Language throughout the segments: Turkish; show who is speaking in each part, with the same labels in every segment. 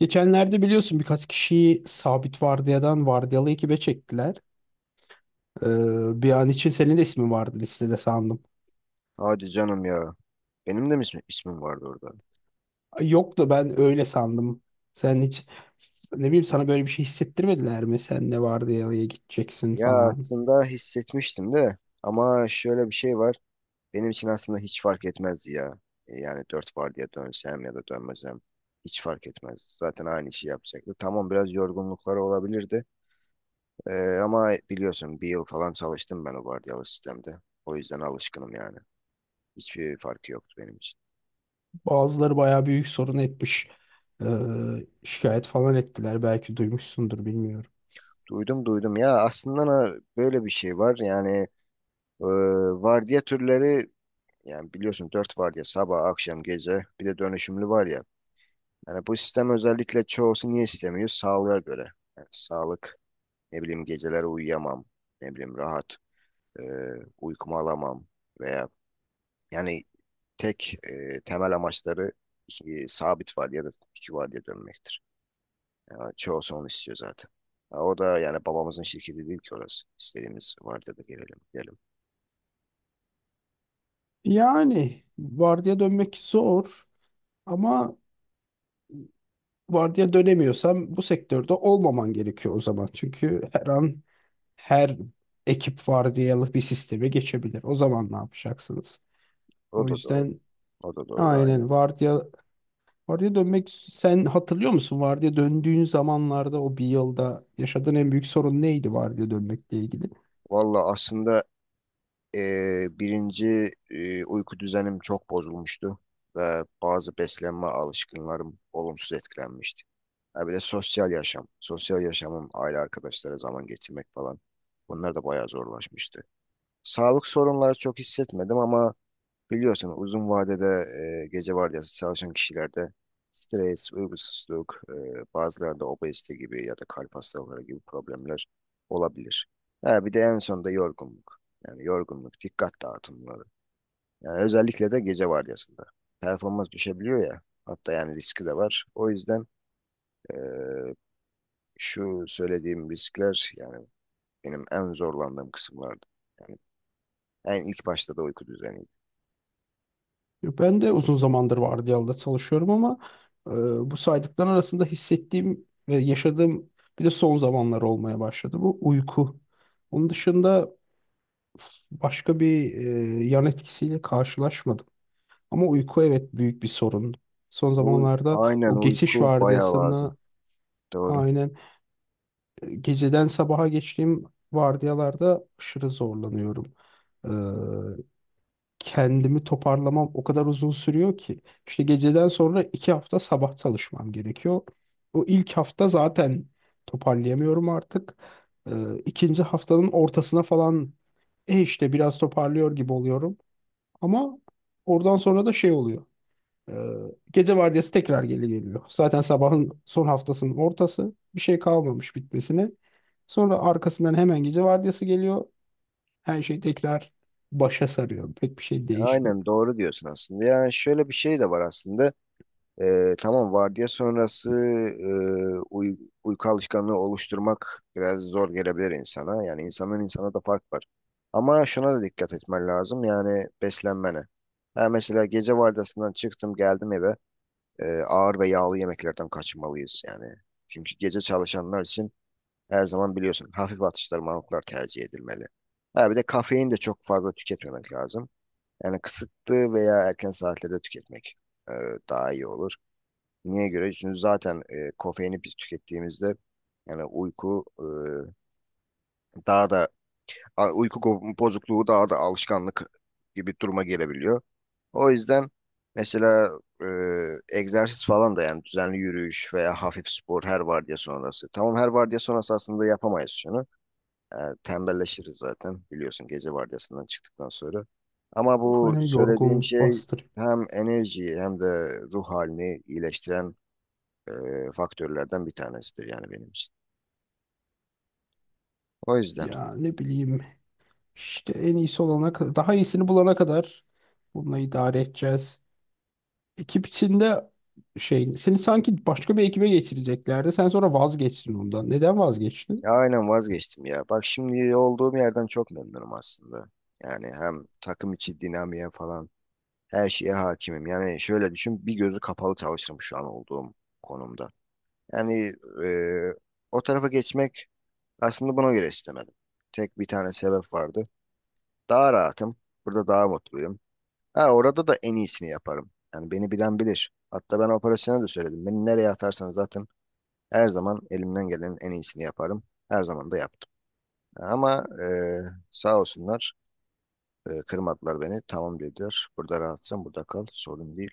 Speaker 1: Geçenlerde biliyorsun birkaç kişiyi sabit vardiyadan vardiyalı ekibe çektiler. Ee, Bir an için senin de ismin vardı listede sandım.
Speaker 2: Hadi canım ya. Benim de mi ismim vardı orada?
Speaker 1: Ay, yok da ben öyle sandım. Sen hiç ne bileyim sana böyle bir şey hissettirmediler mi? Sen de vardiyalıya gideceksin
Speaker 2: Ya
Speaker 1: falan.
Speaker 2: aslında hissetmiştim de, ama şöyle bir şey var. Benim için aslında hiç fark etmezdi ya. Yani dört var diye dönsem ya da dönmesem hiç fark etmez. Zaten aynı işi yapacaktı. Tamam, biraz yorgunlukları olabilirdi. E, Ama biliyorsun bir yıl falan çalıştım ben o vardiyalı sistemde. O yüzden alışkınım yani. Hiçbir farkı yoktu benim için.
Speaker 1: Bazıları bayağı büyük sorun etmiş. Ee, Şikayet falan ettiler. Belki duymuşsundur bilmiyorum.
Speaker 2: Duydum duydum ya, aslında böyle bir şey var. Yani e, vardiya türleri. Yani biliyorsun 4 var ya: sabah, akşam, gece, bir de dönüşümlü var ya. Yani bu sistem özellikle, çoğusu niye istemiyor? Sağlığa göre. Yani sağlık, ne bileyim geceleri uyuyamam, ne bileyim rahat e, uykumu alamam, veya yani tek temel amaçları iki, sabit var ya da iki var diye dönmektir. Yani çoğusu onu istiyor zaten. Ha, o da yani babamızın şirketi değil ki orası. İstediğimiz var da gelelim, gidelim.
Speaker 1: Yani vardiya dönmek zor ama vardiya dönemiyorsam bu sektörde olmaman gerekiyor o zaman. Çünkü her an her ekip vardiyalı bir sisteme geçebilir. O zaman ne yapacaksınız?
Speaker 2: O
Speaker 1: O
Speaker 2: da doğru.
Speaker 1: yüzden
Speaker 2: O da doğru,
Speaker 1: aynen
Speaker 2: aynen.
Speaker 1: vardiya dönmek sen hatırlıyor musun? Vardiya döndüğün zamanlarda o bir yılda yaşadığın en büyük sorun neydi vardiya dönmekle ilgili?
Speaker 2: Valla aslında, birinci, uyku düzenim çok bozulmuştu ve bazı beslenme alışkanlarım olumsuz etkilenmişti. Ha, bir de sosyal yaşam, sosyal yaşamım, aile arkadaşlara zaman geçirmek falan, bunlar da bayağı zorlaşmıştı. Sağlık sorunları çok hissetmedim, ama biliyorsun uzun vadede gece vardiyası çalışan kişilerde stres, uykusuzluk, bazılarında obezite gibi ya da kalp hastalıkları gibi problemler olabilir. Ha, bir de en sonunda yorgunluk. Yani yorgunluk, dikkat dağıtımları. Yani özellikle de gece vardiyasında. Performans düşebiliyor ya. Hatta yani riski de var. O yüzden e, şu söylediğim riskler yani benim en zorlandığım kısımlardı. Yani en ilk başta da uyku düzeniydi.
Speaker 1: Ben de uzun zamandır vardiyalıda çalışıyorum ama e, bu saydıkların arasında hissettiğim ve yaşadığım bir de son zamanlar olmaya başladı. Bu uyku. Onun dışında başka bir yan etkisiyle karşılaşmadım. Ama uyku evet büyük bir sorun. Son
Speaker 2: Bu,
Speaker 1: zamanlarda
Speaker 2: aynen
Speaker 1: o geçiş
Speaker 2: uyku bayağı lazım.
Speaker 1: vardiyasında
Speaker 2: Doğru.
Speaker 1: aynen geceden sabaha geçtiğim vardiyalarda aşırı zorlanıyorum. Ee, Kendimi toparlamam o kadar uzun sürüyor ki. İşte geceden sonra iki hafta sabah çalışmam gerekiyor. O ilk hafta zaten toparlayamıyorum artık. İkinci haftanın ortasına falan e işte biraz toparlıyor gibi oluyorum. Ama oradan sonra da şey oluyor. Ee, Gece vardiyası tekrar geri geliyor. Zaten sabahın son haftasının ortası. Bir şey kalmamış bitmesine. Sonra arkasından hemen gece vardiyası geliyor. Her şey tekrar başa sarıyor. Pek bir şey değişmiyor.
Speaker 2: Aynen doğru diyorsun aslında. Yani şöyle bir şey de var aslında. Tamam, vardiya sonrası e, uy- uyku alışkanlığı oluşturmak biraz zor gelebilir insana. Yani insandan insana da fark var. Ama şuna da dikkat etmen lazım. Yani beslenmene. Ha mesela, gece vardiyasından çıktım, geldim eve. Ağır ve yağlı yemeklerden kaçınmalıyız yani. Çünkü gece çalışanlar için her zaman biliyorsun hafif atıştırmalıklar tercih edilmeli. Ha bir de kafein de çok fazla tüketmemek lazım. Yani kısıtlı veya erken saatlerde tüketmek e, daha iyi olur. Niye göre? Çünkü zaten kofeini biz tükettiğimizde yani uyku, daha da bozukluğu daha da alışkanlık gibi duruma gelebiliyor. O yüzden mesela e, egzersiz falan da, yani düzenli yürüyüş veya hafif spor her vardiya sonrası. Tamam, her vardiya sonrası aslında yapamayız şunu. E, Tembelleşiriz zaten biliyorsun gece vardiyasından çıktıktan sonra. Ama bu
Speaker 1: Hani
Speaker 2: söylediğim
Speaker 1: yorgunluk
Speaker 2: şey
Speaker 1: bastırıyor.
Speaker 2: hem enerjiyi hem de ruh halini iyileştiren e, faktörlerden bir tanesidir yani benim için. O yüzden
Speaker 1: Ya ne bileyim işte en iyisi olana kadar, daha iyisini bulana kadar bununla idare edeceğiz. Ekip içinde şey seni sanki başka bir ekibe geçireceklerdi. Sen sonra vazgeçtin ondan. Neden vazgeçtin?
Speaker 2: ya aynen, vazgeçtim ya. Bak, şimdi olduğum yerden çok memnunum aslında. Yani hem takım içi dinamiğe falan, her şeye hakimim. Yani şöyle düşün, bir gözü kapalı çalışırım şu an olduğum konumda. Yani e, o tarafa geçmek, aslında buna göre istemedim. Tek bir tane sebep vardı. Daha rahatım. Burada daha mutluyum. Ha, orada da en iyisini yaparım. Yani beni bilen bilir. Hatta ben operasyona da söyledim, beni nereye atarsanız zaten her zaman elimden gelenin en iyisini yaparım. Her zaman da yaptım. Ama sağ olsunlar, kırmadılar beni. Tamam dediler. Burada rahatsın, burada kal. Sorun değil.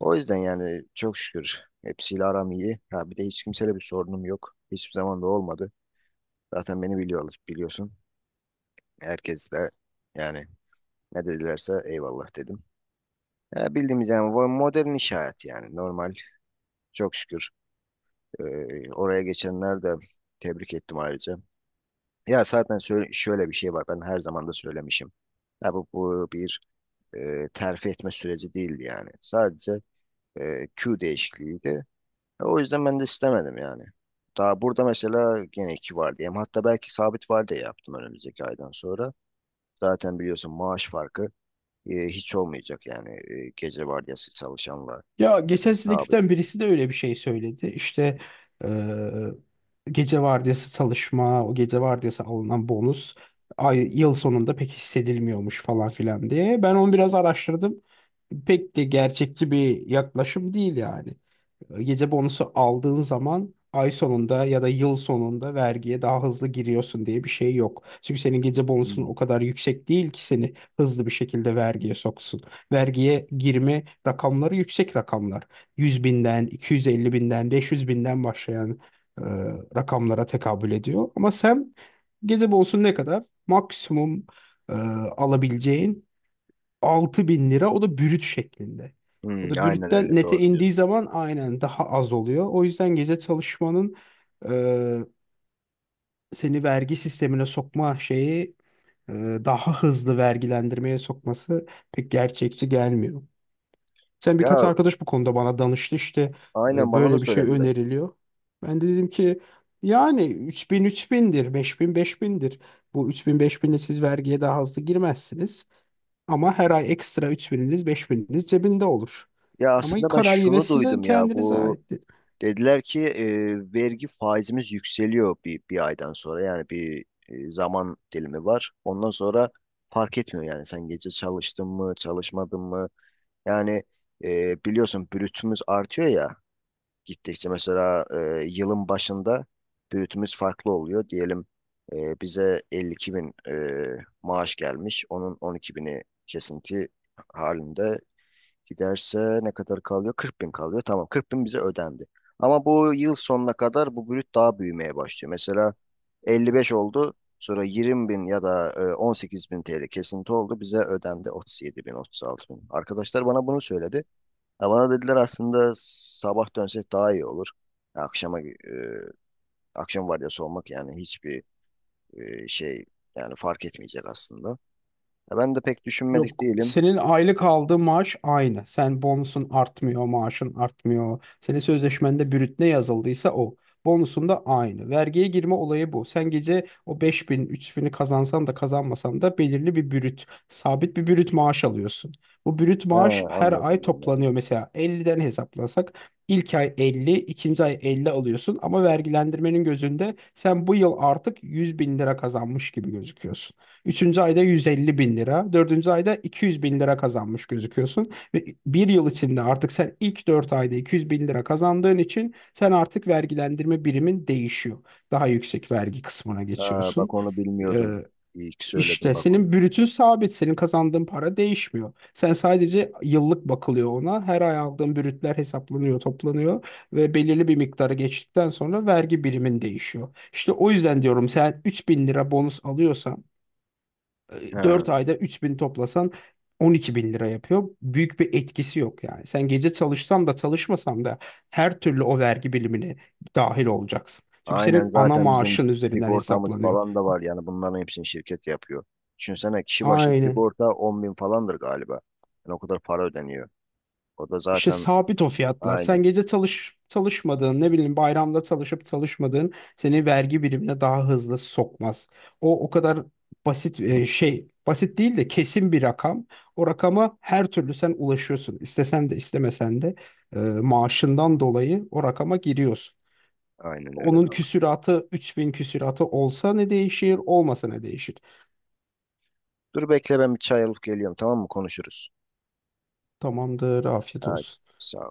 Speaker 2: O yüzden yani çok şükür hepsiyle aram iyi. Ha bir de hiç kimseyle bir sorunum yok. Hiçbir zaman da olmadı. Zaten beni biliyorlar, biliyorsun. Herkesle yani, ne dedilerse eyvallah dedim. Ya bildiğimiz yani, bu modern iş hayatı yani, normal, çok şükür. Ee, Oraya geçenler de, tebrik ettim ayrıca. Ya zaten şöyle bir şey var, ben her zaman da söylemişim. Ya bu bir terfi etme süreci değildi yani. Sadece Q değişikliğiydi. O yüzden ben de istemedim yani. Daha burada mesela gene iki var diyeyim. Hatta belki sabit var diye yaptım önümüzdeki aydan sonra. Zaten biliyorsun maaş farkı hiç olmayacak yani, gece vardiyası çalışanlar,
Speaker 1: Ya geçen sizin
Speaker 2: sabit.
Speaker 1: ekipten birisi de öyle bir şey söyledi. İşte eee, gece vardiyası çalışma, o gece vardiyası alınan bonus ay, yıl sonunda pek hissedilmiyormuş falan filan diye. Ben onu biraz araştırdım. Pek de gerçekçi bir yaklaşım değil yani. Gece bonusu aldığın zaman ay sonunda ya da yıl sonunda vergiye daha hızlı giriyorsun diye bir şey yok. Çünkü senin gece bonusun o
Speaker 2: Hmm.
Speaker 1: kadar yüksek değil ki seni hızlı bir şekilde vergiye soksun. Vergiye girme rakamları yüksek rakamlar. 100 binden, 250 binden, 500 binden başlayan e, rakamlara tekabül ediyor. Ama sen gece bonusu ne kadar? Maksimum e, alabileceğin 6000 lira. O da brüt şeklinde.
Speaker 2: Hmm,
Speaker 1: O da
Speaker 2: aynen
Speaker 1: brütten
Speaker 2: öyle,
Speaker 1: nete
Speaker 2: doğru
Speaker 1: indiği
Speaker 2: diyorsun.
Speaker 1: zaman aynen daha az oluyor. O yüzden gece çalışmanın e, seni vergi sistemine sokma şeyi e, daha hızlı vergilendirmeye sokması pek gerçekçi gelmiyor. Sen
Speaker 2: Ya
Speaker 1: birkaç arkadaş bu konuda bana danıştı işte
Speaker 2: aynen, bana da
Speaker 1: böyle bir şey
Speaker 2: söylediler.
Speaker 1: öneriliyor. Ben de dedim ki yani 3000 bin 5000 bindir. Bu 3000 5000'de siz vergiye daha hızlı girmezsiniz. Ama her ay ekstra 3000'iniz 5000'iniz cebinde olur.
Speaker 2: Ya aslında
Speaker 1: Ama
Speaker 2: ben
Speaker 1: karar yine
Speaker 2: şunu
Speaker 1: sizin
Speaker 2: duydum ya,
Speaker 1: kendinize
Speaker 2: bu
Speaker 1: ait.
Speaker 2: dediler ki vergi faizimiz yükseliyor bir aydan sonra, yani bir zaman dilimi var. Ondan sonra fark etmiyor yani, sen gece çalıştın mı çalışmadın mı, yani biliyorsun brütümüz artıyor ya. Gittikçe mesela yılın başında brütümüz farklı oluyor. Diyelim bize 52 bin maaş gelmiş. Onun 12 bini kesinti halinde giderse ne kadar kalıyor? 40 bin kalıyor. Tamam, 40 bin bize ödendi. Ama bu yıl sonuna kadar bu brüt daha büyümeye başlıyor. Mesela 55 oldu. Sonra 20 bin ya da 18 bin TL kesinti oldu. Bize ödendi 37 bin, 36 bin. Arkadaşlar bana bunu söyledi. Ya bana dediler, aslında sabah dönsek daha iyi olur. Ya akşama, akşam vardiyası olmak yani hiçbir şey yani, fark etmeyecek aslında. Ya ben de pek düşünmedik
Speaker 1: Yok
Speaker 2: değilim.
Speaker 1: senin aylık aldığın maaş aynı. Sen bonusun artmıyor, maaşın artmıyor. Senin sözleşmende brüt ne yazıldıysa o. Bonusun da aynı. Vergiye girme olayı bu. Sen gece o 5000, bin'i kazansan da kazanmasan da belirli bir brüt, sabit bir brüt maaş alıyorsun. Bu brüt
Speaker 2: He,
Speaker 1: maaş her ay
Speaker 2: anladım anladım.
Speaker 1: toplanıyor. Mesela 50'den hesaplasak ilk ay 50, ikinci ay 50 alıyorsun ama vergilendirmenin gözünde sen bu yıl artık 100 bin lira kazanmış gibi gözüküyorsun. Üçüncü ayda 150 bin lira, dördüncü ayda 200 bin lira kazanmış gözüküyorsun. Ve bir yıl içinde artık sen ilk dört ayda 200 bin lira kazandığın için sen artık vergilendirme birimin değişiyor. Daha yüksek vergi kısmına
Speaker 2: Ha, bak
Speaker 1: geçiyorsun.
Speaker 2: onu
Speaker 1: Ee,
Speaker 2: bilmiyordum. İyi ki söyledim
Speaker 1: işte
Speaker 2: bak onu.
Speaker 1: senin brütün sabit, senin kazandığın para değişmiyor. Sen sadece yıllık bakılıyor ona. Her ay aldığın brütler hesaplanıyor, toplanıyor ve belirli bir miktarı geçtikten sonra vergi birimin değişiyor. İşte o yüzden diyorum sen 3000 lira bonus alıyorsan
Speaker 2: He.
Speaker 1: dört ayda 3000 toplasan 12000 lira yapıyor. Büyük bir etkisi yok yani. Sen gece çalışsan da çalışmasan da her türlü o vergi bilimine dahil olacaksın. Çünkü
Speaker 2: Aynen,
Speaker 1: senin ana
Speaker 2: zaten bizim
Speaker 1: maaşın üzerinden
Speaker 2: sigortamız
Speaker 1: hesaplanıyor.
Speaker 2: falan da var yani, bunların hepsini şirket yapıyor. Düşünsene kişi başı
Speaker 1: Aynen.
Speaker 2: sigorta 10 bin falandır galiba. Yani o kadar para ödeniyor. O da
Speaker 1: İşte
Speaker 2: zaten
Speaker 1: sabit o fiyatlar. Sen
Speaker 2: aynen,
Speaker 1: gece çalış çalışmadığın, ne bileyim bayramda çalışıp çalışmadığın seni vergi birimine daha hızlı sokmaz. O o kadar basit şey, basit değil de kesin bir rakam. O rakama her türlü sen ulaşıyorsun. İstesen de istemesen de maaşından dolayı o rakama giriyorsun.
Speaker 2: aynen öyle.
Speaker 1: Onun küsuratı 3000 küsuratı olsa ne değişir, olmasa ne değişir?
Speaker 2: Dur bekle, ben bir çay alıp geliyorum, tamam mı? Konuşuruz.
Speaker 1: Tamamdır, afiyet
Speaker 2: Hadi,
Speaker 1: olsun.
Speaker 2: sağ ol.